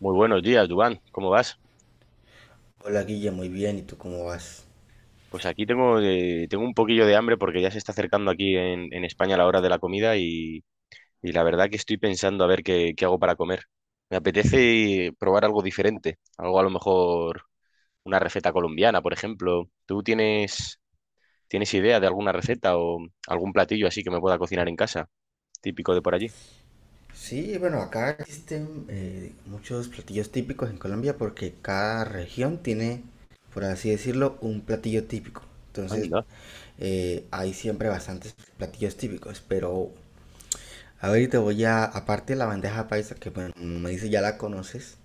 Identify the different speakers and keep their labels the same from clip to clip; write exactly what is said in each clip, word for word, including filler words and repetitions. Speaker 1: Muy buenos días, Dubán. ¿Cómo vas?
Speaker 2: Hola Guille, muy bien, ¿y tú cómo vas?
Speaker 1: Pues aquí tengo, eh, tengo un poquillo de hambre porque ya se está acercando aquí en, en España la hora de la comida y, y la verdad que estoy pensando a ver qué, qué hago para comer. Me apetece probar algo diferente, algo a lo mejor una receta colombiana, por ejemplo. ¿Tú tienes, tienes idea de alguna receta o algún platillo así que me pueda cocinar en casa, típico de por allí?
Speaker 2: Sí, bueno, acá existen eh, muchos platillos típicos en Colombia porque cada región tiene, por así decirlo, un platillo típico. Entonces,
Speaker 1: Anda.
Speaker 2: eh, hay siempre bastantes platillos típicos, pero a ver, te voy a, aparte de la bandeja paisa, que bueno, como me dice ya la conoces,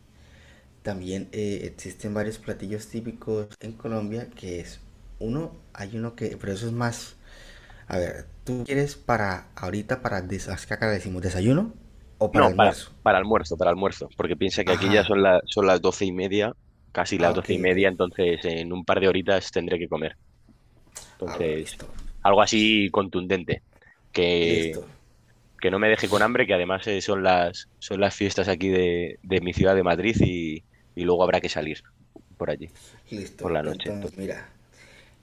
Speaker 2: también eh, existen varios platillos típicos en Colombia, que es uno, hay uno que, pero eso es más. A ver, ¿tú quieres para ahorita para des- acá acá le decimos desayuno o para
Speaker 1: No, para,
Speaker 2: almuerzo?
Speaker 1: para almuerzo, para almuerzo, porque piensa que aquí ya
Speaker 2: Ajá.
Speaker 1: son, la- son las doce y media, casi
Speaker 2: Ah,
Speaker 1: las
Speaker 2: ok,
Speaker 1: doce y
Speaker 2: ok.
Speaker 1: media, entonces en un par de horitas tendré que comer.
Speaker 2: Ah, bueno,
Speaker 1: Entonces,
Speaker 2: listo.
Speaker 1: algo así contundente, que,
Speaker 2: Listo,
Speaker 1: que no me deje con hambre, que además eh, son las, son las fiestas aquí de, de mi ciudad de Madrid y, y luego habrá que salir por allí,
Speaker 2: listo.
Speaker 1: por la noche.
Speaker 2: Entonces,
Speaker 1: Entonces,
Speaker 2: mira,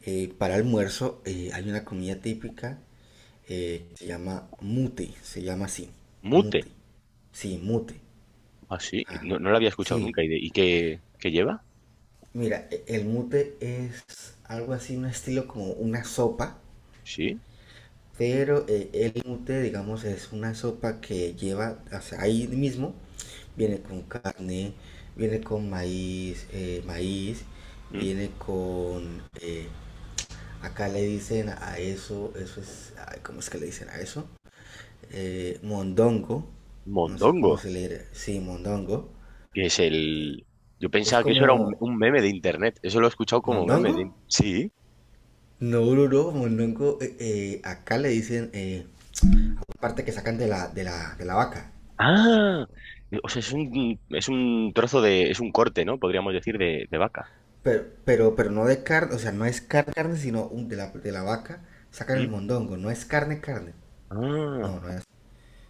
Speaker 2: eh, para almuerzo eh, hay una comida típica eh, que se llama mute, se llama así,
Speaker 1: mute,
Speaker 2: mute. Sí, mute.
Speaker 1: así,
Speaker 2: Ah,
Speaker 1: no, no lo había escuchado
Speaker 2: sí.
Speaker 1: nunca. ¿Y, de- y qué, qué lleva?
Speaker 2: Mira, e- el mute es algo así, un estilo como una sopa.
Speaker 1: Sí.
Speaker 2: Pero eh, el mute, digamos, es una sopa que lleva, o sea, ahí mismo,
Speaker 1: ¿Mm?
Speaker 2: viene con carne, viene con maíz, eh, maíz,
Speaker 1: ¿Mm?
Speaker 2: viene con, eh, acá le dicen a eso, eso es, ay, ¿cómo es que le dicen a eso? Eh, mondongo, no sé
Speaker 1: Mondongo,
Speaker 2: cómo se le dirá, sí, mondongo.
Speaker 1: que es el... Yo
Speaker 2: Es
Speaker 1: pensaba que eso era un,
Speaker 2: como,
Speaker 1: un meme de internet. Eso lo he escuchado como meme
Speaker 2: ¿mondongo?
Speaker 1: de... Sí.
Speaker 2: No, no, no, mondongo, eh, eh, acá le dicen eh, parte que sacan de la, de la, de la vaca.
Speaker 1: Ah, o sea, es un, es un trozo de... Es un corte, ¿no? Podríamos decir de, de vaca.
Speaker 2: Pero, pero, pero no de carne, o sea, no es carne, carne, sino un- de, la, de la vaca sacan el
Speaker 1: ¿Mm?
Speaker 2: mondongo, no es carne, carne.
Speaker 1: Ah.
Speaker 2: No, no es.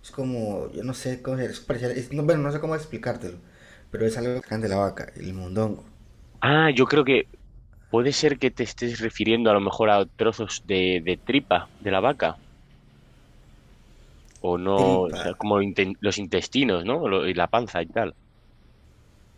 Speaker 2: Es como, yo no sé cómo es, parecer- es- no, bueno, no sé cómo explicártelo, pero es algo que sacan de la vaca, el mondongo.
Speaker 1: Ah, yo creo que puede ser que te estés refiriendo a lo mejor a trozos de, de tripa de la vaca. O no, o
Speaker 2: Tripa,
Speaker 1: sea, como inten- los intestinos, ¿no? Lo- y la panza y tal.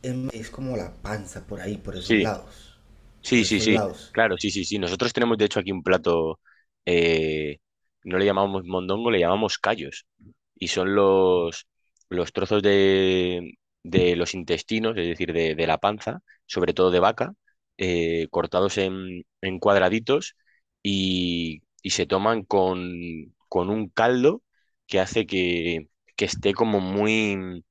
Speaker 2: em, es como la panza por ahí, por esos
Speaker 1: Sí,
Speaker 2: lados.
Speaker 1: sí,
Speaker 2: Por
Speaker 1: sí,
Speaker 2: esos
Speaker 1: sí.
Speaker 2: lados.
Speaker 1: Claro, sí, sí, sí. Nosotros tenemos de hecho aquí un plato, eh, no le llamamos mondongo, le llamamos callos. Y son los, los trozos de, de los intestinos, es decir, de, de la panza, sobre todo de vaca, eh, cortados en, en cuadraditos y, y se toman con, con un caldo que hace que, que esté como muy...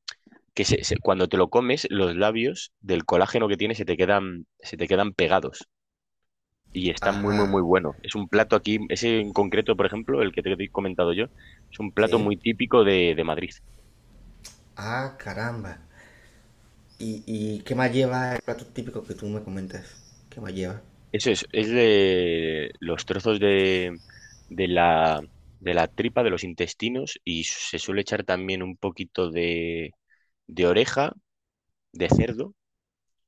Speaker 1: que se- se- cuando te lo comes, los labios del colágeno que tiene se te quedan, se te quedan pegados. Y está muy, muy,
Speaker 2: Ajá,
Speaker 1: muy bueno. Es un plato aquí, ese en concreto, por ejemplo, el que te he comentado yo, es un plato
Speaker 2: ¿sí?
Speaker 1: muy típico de de Madrid.
Speaker 2: Ah, caramba. ¿Y, y qué más lleva el plato típico que tú me comentas? ¿Qué más lleva?
Speaker 1: Eso es, es de los trozos de, de la, de la tripa, de los intestinos, y se suele echar también un poquito de, de oreja de cerdo,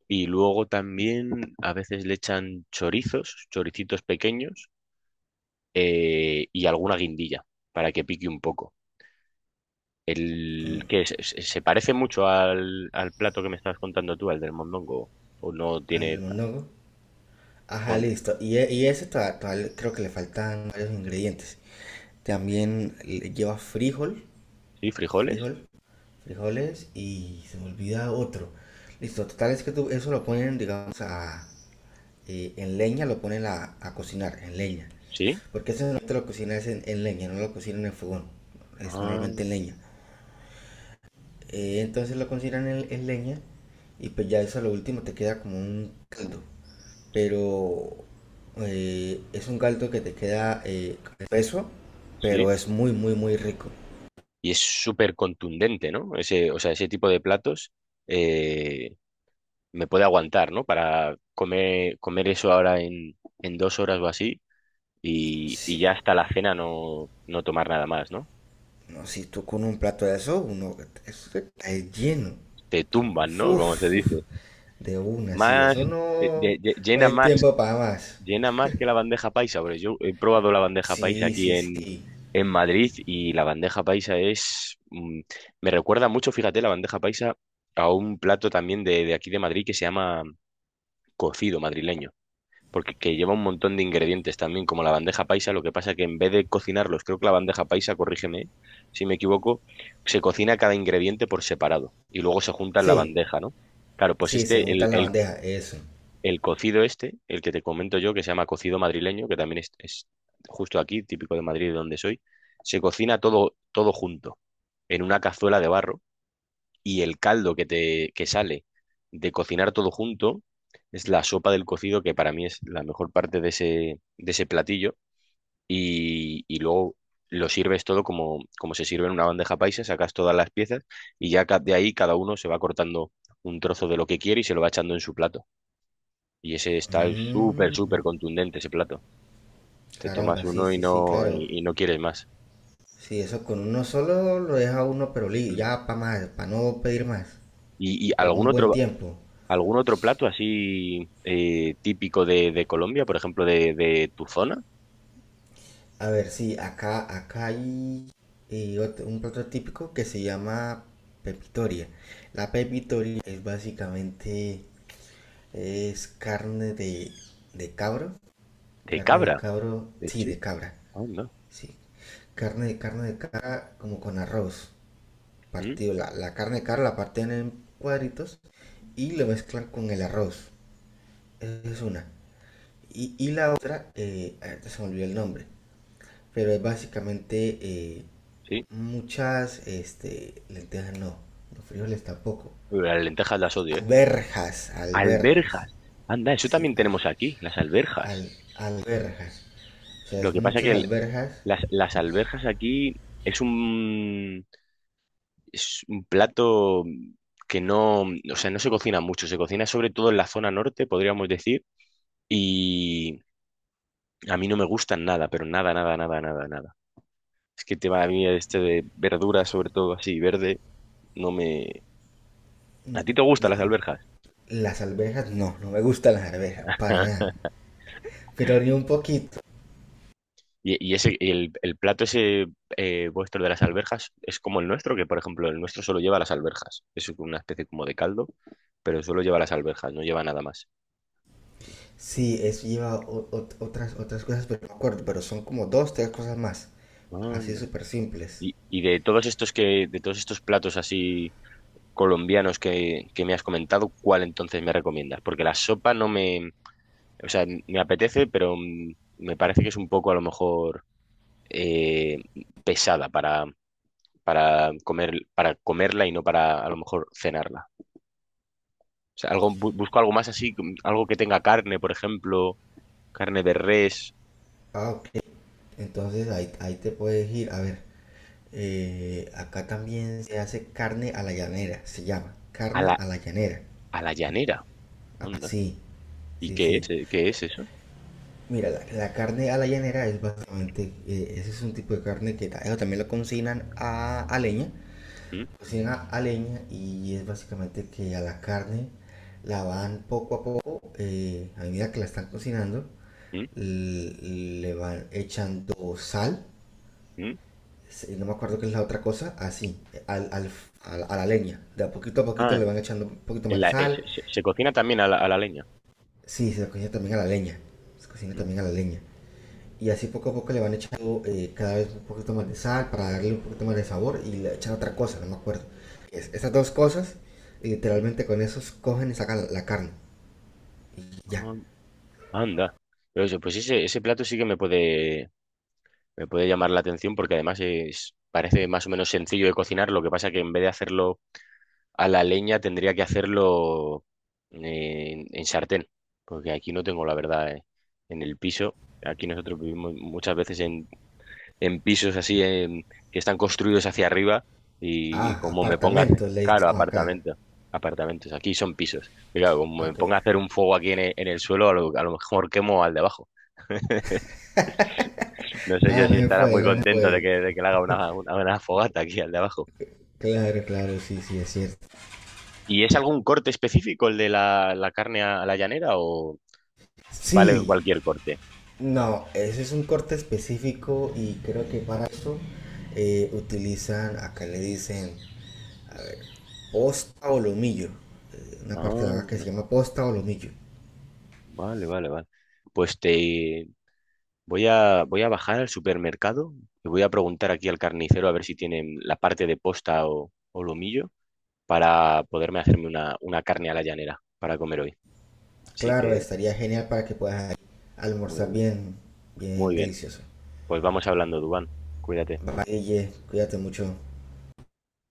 Speaker 1: y luego también a veces le echan chorizos, choricitos pequeños, eh, y alguna guindilla para que pique un poco. El, ¿qué es? ¿Se se parece mucho al, al plato que me estabas contando tú, al del mondongo? ¿O no
Speaker 2: ¿Al
Speaker 1: tiene...
Speaker 2: del
Speaker 1: ta-
Speaker 2: mondongo?
Speaker 1: o
Speaker 2: Ajá,
Speaker 1: n-
Speaker 2: listo. Y, e- y ese todavía, todavía creo que le faltan varios ingredientes. También le- lleva frijol,
Speaker 1: ¿Sí? ¿Frijoles?
Speaker 2: frijol, frijoles y se me olvida otro. Listo, total es que tú, eso lo ponen, digamos, a, eh, en leña, lo ponen a, a cocinar, en leña.
Speaker 1: ¿Sí?
Speaker 2: Porque eso normalmente lo cocinas en, en leña, no lo cocinan en fogón. Es
Speaker 1: Ah,
Speaker 2: normalmente en leña. Eh, entonces lo consideran en, en leña y pues ya eso a lo último te queda como un caldo. Pero eh, es un caldo que te queda eh, espeso, pero
Speaker 1: sí.
Speaker 2: es muy, muy, muy rico.
Speaker 1: Y es súper contundente, ¿no? Ese, o sea, ese tipo de platos eh, me puede aguantar, ¿no? Para comer, comer eso ahora en, en dos horas o así y, y
Speaker 2: Si,
Speaker 1: ya hasta la cena no, no tomar nada más, ¿no?
Speaker 2: no, si tú con un plato de eso, uno eso está lleno.
Speaker 1: Te
Speaker 2: Pero,
Speaker 1: tumban,
Speaker 2: uf,
Speaker 1: ¿no? Como se
Speaker 2: uf,
Speaker 1: dice.
Speaker 2: de una, sí,
Speaker 1: Más,
Speaker 2: eso
Speaker 1: eh, de-
Speaker 2: no,
Speaker 1: de-
Speaker 2: no
Speaker 1: Llena
Speaker 2: hay
Speaker 1: más,
Speaker 2: tiempo para más.
Speaker 1: llena más que la bandeja paisa, porque yo he probado la bandeja paisa
Speaker 2: Sí,
Speaker 1: aquí
Speaker 2: sí,
Speaker 1: en...
Speaker 2: sí.
Speaker 1: En Madrid y la bandeja paisa es... mm, me recuerda mucho, fíjate, la bandeja paisa a un plato también de, de aquí de Madrid que se llama cocido madrileño, porque que lleva un montón de ingredientes también, como la bandeja paisa, lo que pasa que en vez de cocinarlos, creo que la bandeja paisa, corrígeme si me equivoco, se cocina cada ingrediente por separado y luego se junta en la
Speaker 2: Sí,
Speaker 1: bandeja, ¿no? Claro, pues
Speaker 2: sí, se
Speaker 1: este,
Speaker 2: junta
Speaker 1: el,
Speaker 2: en la
Speaker 1: el,
Speaker 2: bandeja, eso.
Speaker 1: el cocido este, el que te comento yo, que se llama cocido madrileño, que también es, es justo aquí, típico de Madrid, de donde soy, se cocina todo, todo junto en una cazuela de barro y el caldo que te que sale de cocinar todo junto es la sopa del cocido que para mí es la mejor parte de ese, de ese platillo y, y luego lo sirves todo como, como se sirve en una bandeja paisa, sacas todas las piezas y ya ca- de ahí cada uno se va cortando un trozo de lo que quiere y se lo va echando en su plato. Y ese está súper,
Speaker 2: Mm,
Speaker 1: súper contundente ese plato. Te tomas
Speaker 2: caramba, sí,
Speaker 1: uno y
Speaker 2: sí, sí,
Speaker 1: no,
Speaker 2: claro.
Speaker 1: y, y no quieres más.
Speaker 2: Sí, eso con uno solo lo deja uno, pero li-
Speaker 1: Mm.
Speaker 2: ya para más, para no pedir más,
Speaker 1: ¿Y, y
Speaker 2: por
Speaker 1: algún
Speaker 2: un buen
Speaker 1: otro?
Speaker 2: tiempo.
Speaker 1: ¿Algún otro plato así eh, típico de, de Colombia, por ejemplo, de, de tu zona?
Speaker 2: A ver, sí, acá, acá hay y otro- un plato típico que se llama pepitoria. La pepitoria es básicamente, es carne de, de cabro,
Speaker 1: De
Speaker 2: carne de
Speaker 1: cabra,
Speaker 2: cabro,
Speaker 1: de
Speaker 2: sí,
Speaker 1: chip.
Speaker 2: de cabra,
Speaker 1: Anda.
Speaker 2: sí. Carne de carne de cabra como con arroz,
Speaker 1: ¿Mm?
Speaker 2: partido, la, la carne de cabra la parten en cuadritos y lo mezclan con el arroz. Esa es una. Y, y la otra, eh, ahorita se me olvidó el nombre, pero es básicamente eh,
Speaker 1: Sí.
Speaker 2: muchas este, lentejas, no, los frijoles tampoco.
Speaker 1: Uy, las lentejas las odio, ¿eh?
Speaker 2: Alberjas, alberjas,
Speaker 1: Alberjas. Anda, eso
Speaker 2: sí,
Speaker 1: también
Speaker 2: al,
Speaker 1: tenemos aquí, las alberjas.
Speaker 2: al- alberjas. O sea,
Speaker 1: Lo
Speaker 2: es
Speaker 1: que pasa
Speaker 2: muchas
Speaker 1: que el-
Speaker 2: alberjas.
Speaker 1: las, las alberjas aquí es un, es un plato que no, o sea, no se cocina mucho, se cocina sobre todo en la zona norte, podríamos decir, y a mí no me gustan nada, pero nada, nada, nada, nada, nada. Es que el tema mí este de verduras, sobre todo así, verde, no me... ¿A ti te gustan las alberjas?
Speaker 2: Las alberjas no, no me gustan las alberjas, para nada. Pero ni un poquito.
Speaker 1: Y, y ese, y el, el plato ese eh, vuestro de las alberjas es como el nuestro, que por ejemplo el nuestro solo lleva las alberjas. Es una especie como de caldo, pero solo lleva las alberjas, no lleva nada más.
Speaker 2: Sí, eso lleva o- o- otras, otras cosas, pero no me acuerdo, pero son como dos, tres cosas más. Así
Speaker 1: Anda.
Speaker 2: súper simples.
Speaker 1: Y, y de todos estos que, de todos estos platos así colombianos que, que me has comentado, ¿cuál entonces me recomiendas? Porque la sopa no me, o sea, me apetece, pero mm, me parece que es un poco a lo mejor, eh, pesada para, para comer, para comerla y no para a lo mejor cenarla. O sea, algo, bu- busco algo más así, com- algo que tenga carne, por ejemplo, carne de res
Speaker 2: Ah, ok. Entonces ahí, ahí te puedes ir. A ver, eh, acá también se hace carne a la llanera, se llama
Speaker 1: a
Speaker 2: carne
Speaker 1: la,
Speaker 2: a la llanera.
Speaker 1: a la llanera. Onda.
Speaker 2: Así,
Speaker 1: ¿Y
Speaker 2: sí, sí,
Speaker 1: qué
Speaker 2: sí.
Speaker 1: es? Eh, ¿Qué es eso?
Speaker 2: Mira, la, la carne a la llanera es básicamente, eh, ese es un tipo de carne que ta- eso también lo cocinan a, a leña,
Speaker 1: ¿Mm?
Speaker 2: cocinan a, a leña y es básicamente que a la carne la van poco a poco, eh, a medida que la están cocinando,
Speaker 1: ¿Mm?
Speaker 2: l- le van echando sal.
Speaker 1: ¿Mm?
Speaker 2: Sí, no me acuerdo qué es la otra cosa, así, al, al, a, la- a la leña. De a poquito a poquito
Speaker 1: Ah,
Speaker 2: le van echando un poquito más
Speaker 1: en
Speaker 2: de
Speaker 1: la- eh, se,
Speaker 2: sal.
Speaker 1: se- se cocina también a la, a la leña.
Speaker 2: Sí, se cocina también a la leña. Se cocina
Speaker 1: Mm,
Speaker 2: también a la leña. Y así poco a poco le van echando eh, cada vez un poquito más de sal para darle un poquito más de sabor y le echan otra cosa, no me acuerdo. Es- estas dos cosas, y
Speaker 1: mm.
Speaker 2: literalmente con esos cogen y sacan la, la carne. Y ya.
Speaker 1: Ah, anda. Pero eso, pues ese, ese plato sí que me puede, me puede llamar la atención porque además es, parece más o menos sencillo de cocinar, lo que pasa que en vez de hacerlo a la leña tendría que hacerlo en, en sartén, porque aquí no tengo la verdad eh, en el piso. Aquí nosotros vivimos muchas veces en, en pisos así en- que están construidos hacia arriba y
Speaker 2: Ah,
Speaker 1: como me ponga a hacer,
Speaker 2: apartamentos le
Speaker 1: claro,
Speaker 2: hicimos acá.
Speaker 1: apartamentos, apartamentos, aquí son pisos. Y claro, como me
Speaker 2: Ok.
Speaker 1: ponga a hacer un fuego aquí en el, en el suelo, a lo, a lo mejor quemo al de abajo. No sé yo
Speaker 2: Nada, no
Speaker 1: si
Speaker 2: se
Speaker 1: estará muy
Speaker 2: puede, no se
Speaker 1: contento de
Speaker 2: puede.
Speaker 1: que, de que le haga una, una, una fogata aquí al de abajo.
Speaker 2: Claro, claro, sí, sí, es cierto.
Speaker 1: ¿Y es algún corte específico el de la, la carne a, a la llanera o...? Vale
Speaker 2: Sí,
Speaker 1: cualquier corte.
Speaker 2: no, ese es un corte específico y creo que para eso eh, utilizan, acá le dicen posta o lomillo, eh, una
Speaker 1: Ah,
Speaker 2: parte de la vaca que se
Speaker 1: no.
Speaker 2: llama posta o lomillo.
Speaker 1: Vale, vale, vale. Pues te voy a voy a bajar al supermercado y voy a preguntar aquí al carnicero a ver si tienen la parte de posta o, o lomillo para poderme hacerme una, una carne a la llanera para comer hoy. Así
Speaker 2: Claro,
Speaker 1: que
Speaker 2: estaría genial para que puedas
Speaker 1: muy,
Speaker 2: almorzar
Speaker 1: bien,
Speaker 2: bien, bien
Speaker 1: muy bien.
Speaker 2: delicioso.
Speaker 1: Pues vamos hablando, Dubán. Cuídate.
Speaker 2: Bye, cuídate mucho.